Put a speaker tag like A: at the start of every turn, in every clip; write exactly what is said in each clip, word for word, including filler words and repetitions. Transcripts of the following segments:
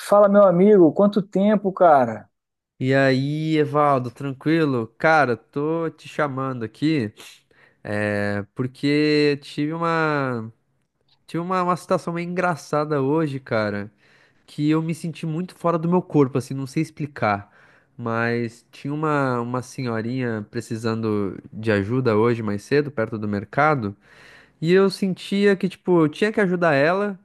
A: Fala, meu amigo, quanto tempo, cara?
B: E aí, Evaldo, tranquilo? Cara, tô te chamando aqui, é, porque tive uma, tive uma, uma situação meio engraçada hoje, cara, que eu me senti muito fora do meu corpo, assim, não sei explicar. Mas tinha uma, uma senhorinha precisando de ajuda hoje mais cedo, perto do mercado. E eu sentia que, tipo, eu tinha que ajudar ela,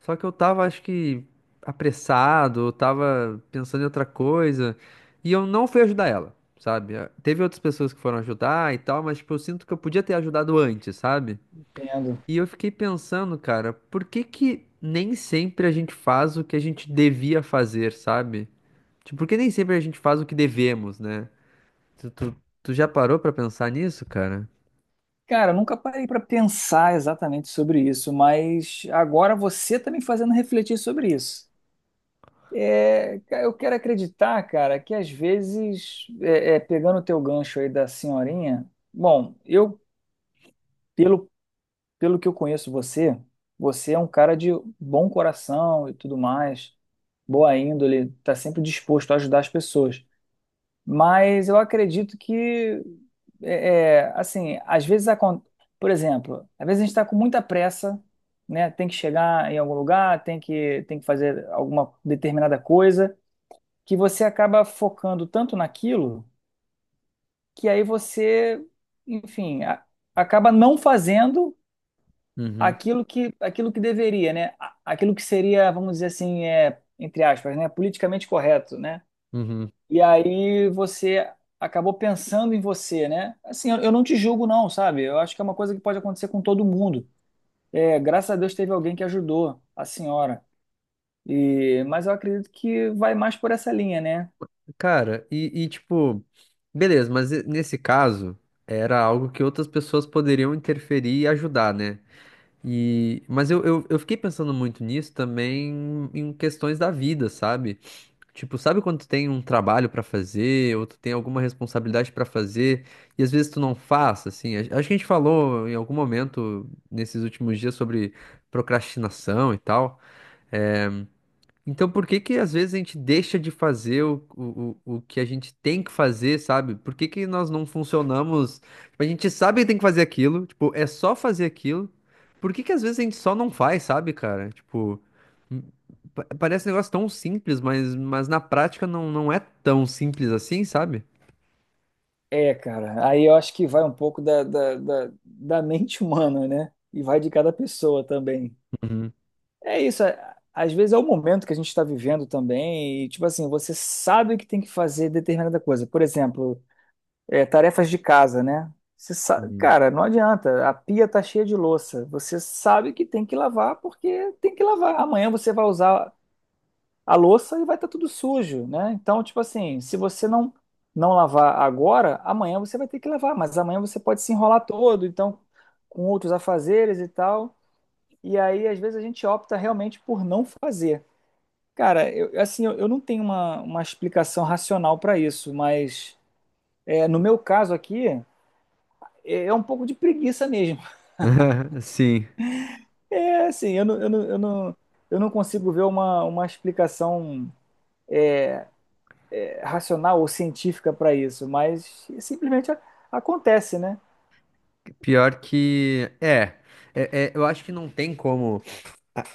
B: só que eu tava, acho que, apressado, eu tava pensando em outra coisa, e eu não fui ajudar ela, sabe? Ah, teve outras pessoas que foram ajudar e tal, mas, tipo, eu sinto que eu podia ter ajudado antes, sabe?
A: Entendo.
B: E eu fiquei pensando, cara, por que que nem sempre a gente faz o que a gente devia fazer, sabe? Tipo, por que nem sempre a gente faz o que devemos, né? Tu, tu, tu já parou pra pensar nisso, cara?
A: Cara, eu nunca parei para pensar exatamente sobre isso, mas agora você tá me fazendo refletir sobre isso. É, ca- eu quero acreditar, cara, que às vezes, é, é, pegando o teu gancho aí da senhorinha, bom, eu, pelo, pelo que eu conheço você, você é um cara de bom coração e tudo mais, boa índole, tá sempre disposto a ajudar as pessoas. Mas eu acredito que, é, é, assim, às vezes, acon- por exemplo, às vezes a gente está com muita pressa, né? Tem que chegar em algum lugar, tem que, tem que fazer alguma determinada coisa, que você acaba focando tanto naquilo que aí você, enfim, a- acaba não fazendo
B: Uhum,
A: aquilo que, aquilo que deveria, né? A- Aquilo que seria, vamos dizer assim, é, entre aspas, né? Politicamente correto, né?
B: uhum.
A: E aí você acabou pensando em você, né? Assim, eu eu não te julgo, não, sabe? Eu acho que é uma coisa que pode acontecer com todo mundo. É, graças a Deus teve alguém que ajudou a senhora. E, mas eu acredito que vai mais por essa linha, né?
B: Cara, e, e, tipo, beleza, mas e- nesse caso era algo que outras pessoas poderiam interferir e ajudar, né? E, mas eu, eu, eu fiquei pensando muito nisso também em questões da vida, sabe? Tipo, sabe quando tu tem um trabalho pra fazer ou tu tem alguma responsabilidade pra fazer e às vezes tu não faz, assim? A- Acho que a gente falou em algum momento nesses últimos dias sobre procrastinação e tal. Então, por que que às vezes a gente deixa de fazer o, o, o o que a gente tem que fazer, sabe? Por que que nós não funcionamos? Tipo, a gente sabe que tem que fazer aquilo, tipo, é só fazer aquilo. Por que que às vezes a gente só não faz, sabe, cara? Tipo, m- pa- parece um negócio tão simples, mas, mas na prática não, não é tão simples assim, sabe?
A: É, cara. Aí eu acho que vai um pouco da, da, da, da mente humana, né? E vai de cada pessoa também.
B: Uhum,
A: É isso. é- Às vezes é o momento que a gente está vivendo também. E, tipo assim, você sabe que tem que fazer determinada coisa. Por exemplo, é, tarefas de casa, né? Você sabe,
B: uhum.
A: cara, não adianta. A pia tá cheia de louça. Você sabe que tem que lavar porque tem que lavar. Amanhã você vai usar a louça e vai estar tudo sujo, né? Então, tipo assim, se você não não lavar agora, amanhã você vai ter que lavar, mas amanhã você pode se enrolar todo, então com outros afazeres e tal. E aí, às vezes a gente opta realmente por não fazer. Cara, eu, assim, eu, eu não tenho uma, uma explicação racional para isso, mas é, no meu caso aqui é é um pouco de preguiça mesmo.
B: Sim,
A: É assim, eu não, eu não, eu não, eu não consigo ver uma, uma explicação é, racional ou científica para isso, mas simplesmente a- acontece, né?
B: pior que é, é, é, eu acho que não tem como.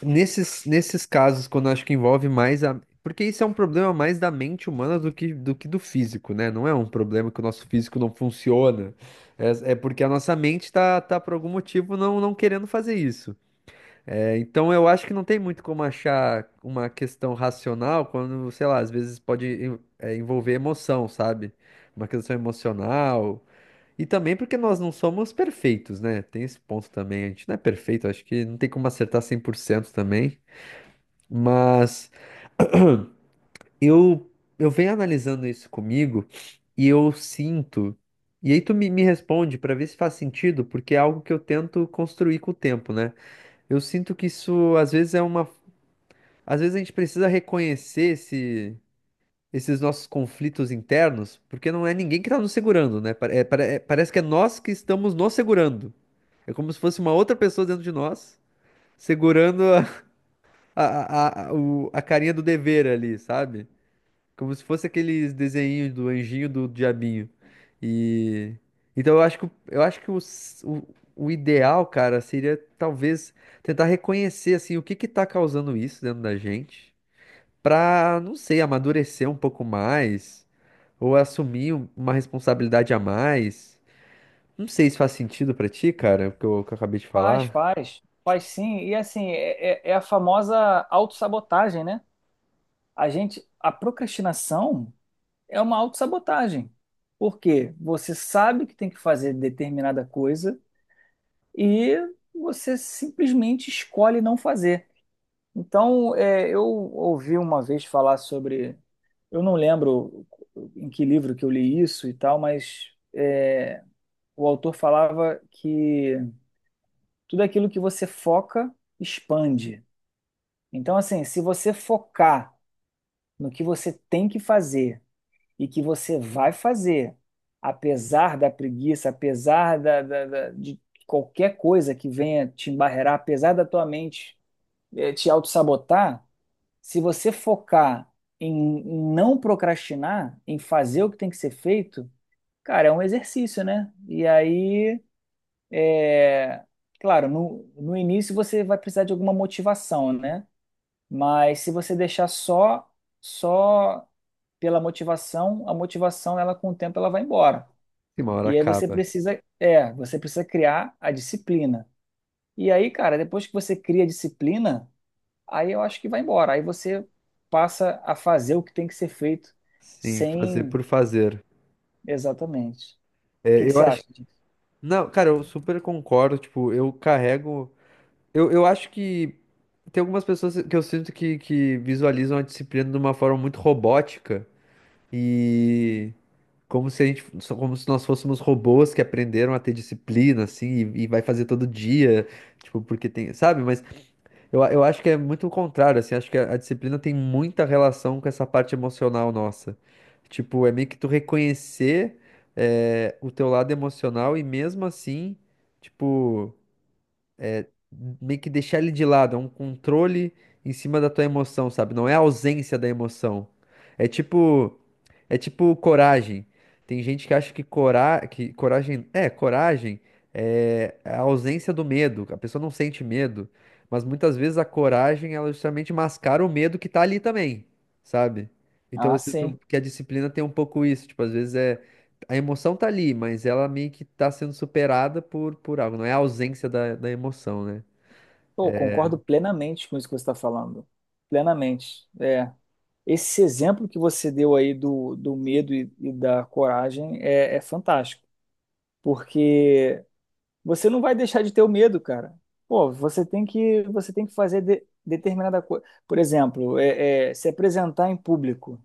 B: Nesses, nesses casos, quando eu acho que envolve mais a. Porque isso é um problema mais da mente humana do que do que do físico, né? Não é um problema que o nosso físico não funciona. É, é porque a nossa mente tá, tá por algum motivo não, não querendo fazer isso. É, então eu acho que não tem muito como achar uma questão racional quando, sei lá, às vezes pode em- é, envolver emoção, sabe? Uma questão emocional. E também porque nós não somos perfeitos, né? Tem esse ponto também. A gente não é perfeito, acho que não tem como acertar cem por cento também. Mas eu eu venho analisando isso comigo e eu sinto. E aí tu me, me responde para ver se faz sentido, porque é algo que eu tento construir com o tempo, né? Eu sinto que isso às vezes é uma, às vezes a gente precisa reconhecer esse, esses nossos conflitos internos, porque não é ninguém que está nos segurando, né? Pa- é- pare- é- parece que é nós que estamos nos segurando. É como se fosse uma outra pessoa dentro de nós segurando a, a, a, a o- a carinha do dever ali, sabe? Como se fosse aqueles desenhinhos do anjinho do diabinho. E então eu acho que o- eu acho que o, s- o, o ideal, cara, seria talvez tentar reconhecer assim o que que tá causando isso dentro da gente, pra, não sei, amadurecer um pouco mais ou assumir um- uma responsabilidade a mais. Não sei se faz sentido pra ti, cara, o que eu, o que eu acabei de
A: Faz,
B: falar.
A: faz, faz sim. E assim, é, é é a famosa autossabotagem, né? A gente, a procrastinação é uma autossabotagem. Por quê? Você sabe que tem que fazer determinada coisa e você simplesmente escolhe não fazer. Então, é, eu ouvi uma vez falar sobre. Eu não lembro em que livro que eu li isso e tal, mas é, o autor falava que tudo aquilo que você foca expande. Então, assim, se você focar no que você tem que fazer e que você vai fazer, apesar da preguiça, apesar da, da- da- de qualquer coisa que venha te embarrear, apesar da tua mente, eh, te autossabotar. Se você focar em em não procrastinar, em fazer o que tem que ser feito, cara, é um exercício, né? E aí, é, claro, no, no início você vai precisar de alguma motivação, né? Mas se você deixar só só pela motivação, a motivação ela com o tempo ela vai embora.
B: Sim, uma hora
A: E aí você
B: acaba.
A: precisa, é, você precisa criar a disciplina. E aí, cara, depois que você cria a disciplina, aí eu acho que vai embora. Aí você passa a fazer o que tem que ser feito
B: Sim, fazer
A: sem.
B: por fazer.
A: Exatamente. O que
B: É,
A: que
B: eu
A: você
B: acho.
A: acha disso?
B: Não, cara, eu super concordo. Tipo, eu carrego. Eu, eu acho que tem algumas pessoas que eu sinto que, que visualizam a disciplina de uma forma muito robótica e como se a gente, só como se nós fôssemos robôs que aprenderam a ter disciplina, assim, e, e vai fazer todo dia, tipo, porque tem, sabe? Mas eu, eu acho que é muito o contrário, assim, acho que a, a disciplina tem muita relação com essa parte emocional nossa. Tipo, é meio que tu reconhecer, eh, o teu lado emocional e mesmo assim, tipo meio que deixar ele de lado, é um controle em cima da tua emoção, sabe? Não é a ausência da emoção. É tipo, é tipo coragem. Tem gente que acha que, cora... que coragem, é, coragem é a ausência do medo. A pessoa não sente medo, mas muitas vezes a coragem ela justamente mascara o medo que tá ali também, sabe? Então
A: Ah,
B: eu sinto
A: sim.
B: que a disciplina tem um pouco isso, tipo, às vezes é a emoção tá ali, mas ela meio que tá sendo superada por, por algo, não é a ausência da, da emoção, né?
A: Pô, concordo plenamente com isso que você está falando. Plenamente. É. Esse exemplo que você deu aí do, do medo e, e da coragem é, é fantástico. Porque você não vai deixar de ter o medo, cara. Pô, você tem que, você tem que fazer de- determinada coisa. Por exemplo, é, é, se apresentar em público.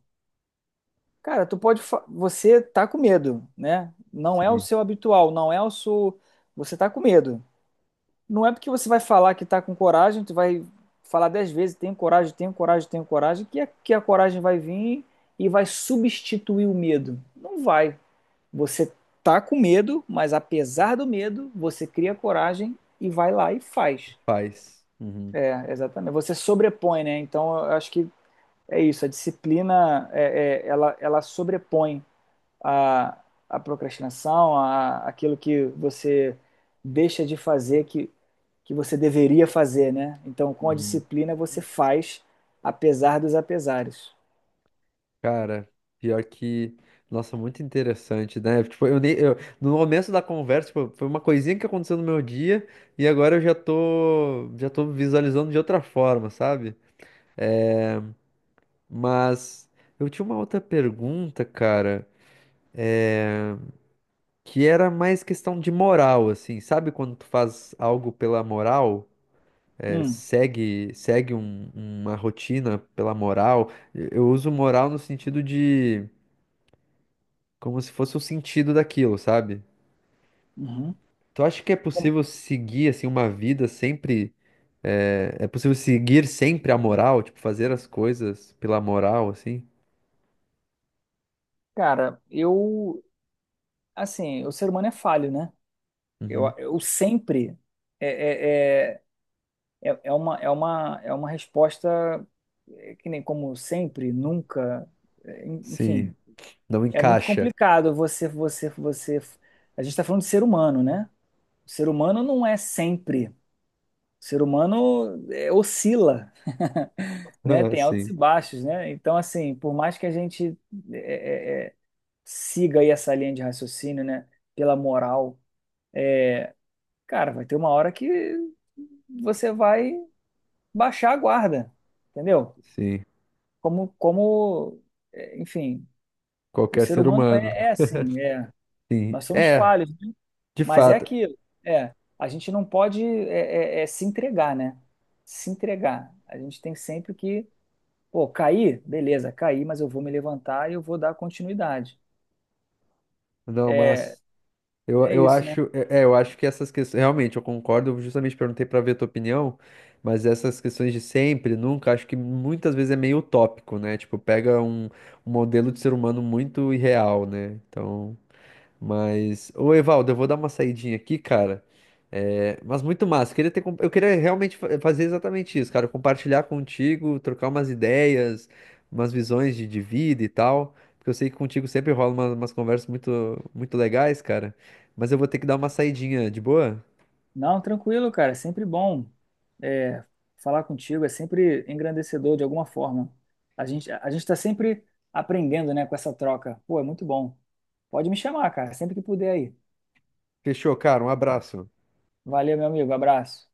A: Cara, tu pode. fa- Você tá com medo, né? Não é o
B: Sim.
A: seu habitual, não é o seu. Você tá com medo. Não é porque você vai falar que tá com coragem, tu vai falar dez vezes, tenho coragem, tenho coragem, tenho coragem, que a, que a coragem vai vir e vai substituir o medo. Não vai. Você tá com medo, mas apesar do medo, você cria coragem e vai lá e faz.
B: Faz. Uhum.
A: É, exatamente. Você sobrepõe, né? Então, eu acho que é isso. A disciplina, é, é, ela, ela sobrepõe a, a procrastinação, a, aquilo que você deixa de fazer que, que você deveria fazer, né? Então, com a
B: Uhum.
A: disciplina, você faz apesar dos apesares.
B: Cara, pior que. Nossa, muito interessante, né? Tipo, eu nem. Eu- no começo da conversa, tipo, foi uma coisinha que aconteceu no meu dia e agora eu já tô. Já tô visualizando de outra forma, sabe? Mas eu tinha uma outra pergunta, cara, que era mais questão de moral, assim, sabe? Quando tu faz algo pela moral, é,
A: Hum,
B: segue, segue um- uma rotina pela moral. Eu eu uso moral no sentido de como se fosse o sentido daquilo, sabe?
A: uhum.
B: Tu acha que é
A: Com-
B: possível seguir assim uma vida sempre é, é possível seguir sempre a moral, tipo fazer as coisas pela moral assim?
A: Cara, eu, assim, o ser humano é falho, né? Eu,
B: Uhum.
A: eu sempre é, é, é, é é uma, é uma, é uma resposta é, que nem como sempre, nunca, é,
B: Sim,
A: enfim.
B: não
A: É muito
B: encaixa.
A: complicado você, você, você. A gente está falando de ser humano, né? O ser humano não é sempre. O ser humano é, oscila, né?
B: Ah,
A: Tem altos
B: sim,
A: e baixos, né? Então, assim, por mais que a gente é, é, é, siga aí essa linha de raciocínio, né? Pela moral, cara, vai ter uma hora que você vai baixar a guarda, entendeu?
B: sim.
A: Como, como, é, enfim, o
B: Qualquer
A: ser
B: ser
A: humano
B: humano.
A: é, é assim, é.
B: Sim.
A: Nós somos
B: É,
A: falhos.
B: de
A: Mas é
B: fato.
A: aquilo, é, a gente não pode é, é, é, se entregar, né? Se entregar. A gente tem sempre que, pô, cair, beleza, cair, mas eu vou me levantar e eu vou dar continuidade.
B: Não,
A: É
B: mas eu,
A: É
B: eu
A: isso, né?
B: acho, é, é, eu acho que essas questões, realmente, eu concordo, eu justamente perguntei para ver a tua opinião, mas essas questões de sempre, nunca, acho que muitas vezes é meio utópico, né? Tipo, pega um, um modelo de ser humano muito irreal, né? Então. Mas, ô Evaldo, eu vou dar uma saidinha aqui, cara. É, mas muito massa. Eu queria ter, com- eu queria realmente fa- fazer exatamente isso, cara. Compartilhar contigo, trocar umas ideias, umas visões de, de vida e tal. Porque eu sei que contigo sempre rola uma- umas conversas muito, muito legais, cara. Mas eu vou ter que dar uma saidinha, de boa?
A: Não, tranquilo, cara, é sempre bom é, falar contigo, é sempre engrandecedor de alguma forma. A gente, a gente tá sempre aprendendo, né, com essa troca. Pô, é muito bom. Pode me chamar, cara, sempre que puder aí.
B: Fechou, cara. Um abraço.
A: Valeu, meu amigo, abraço.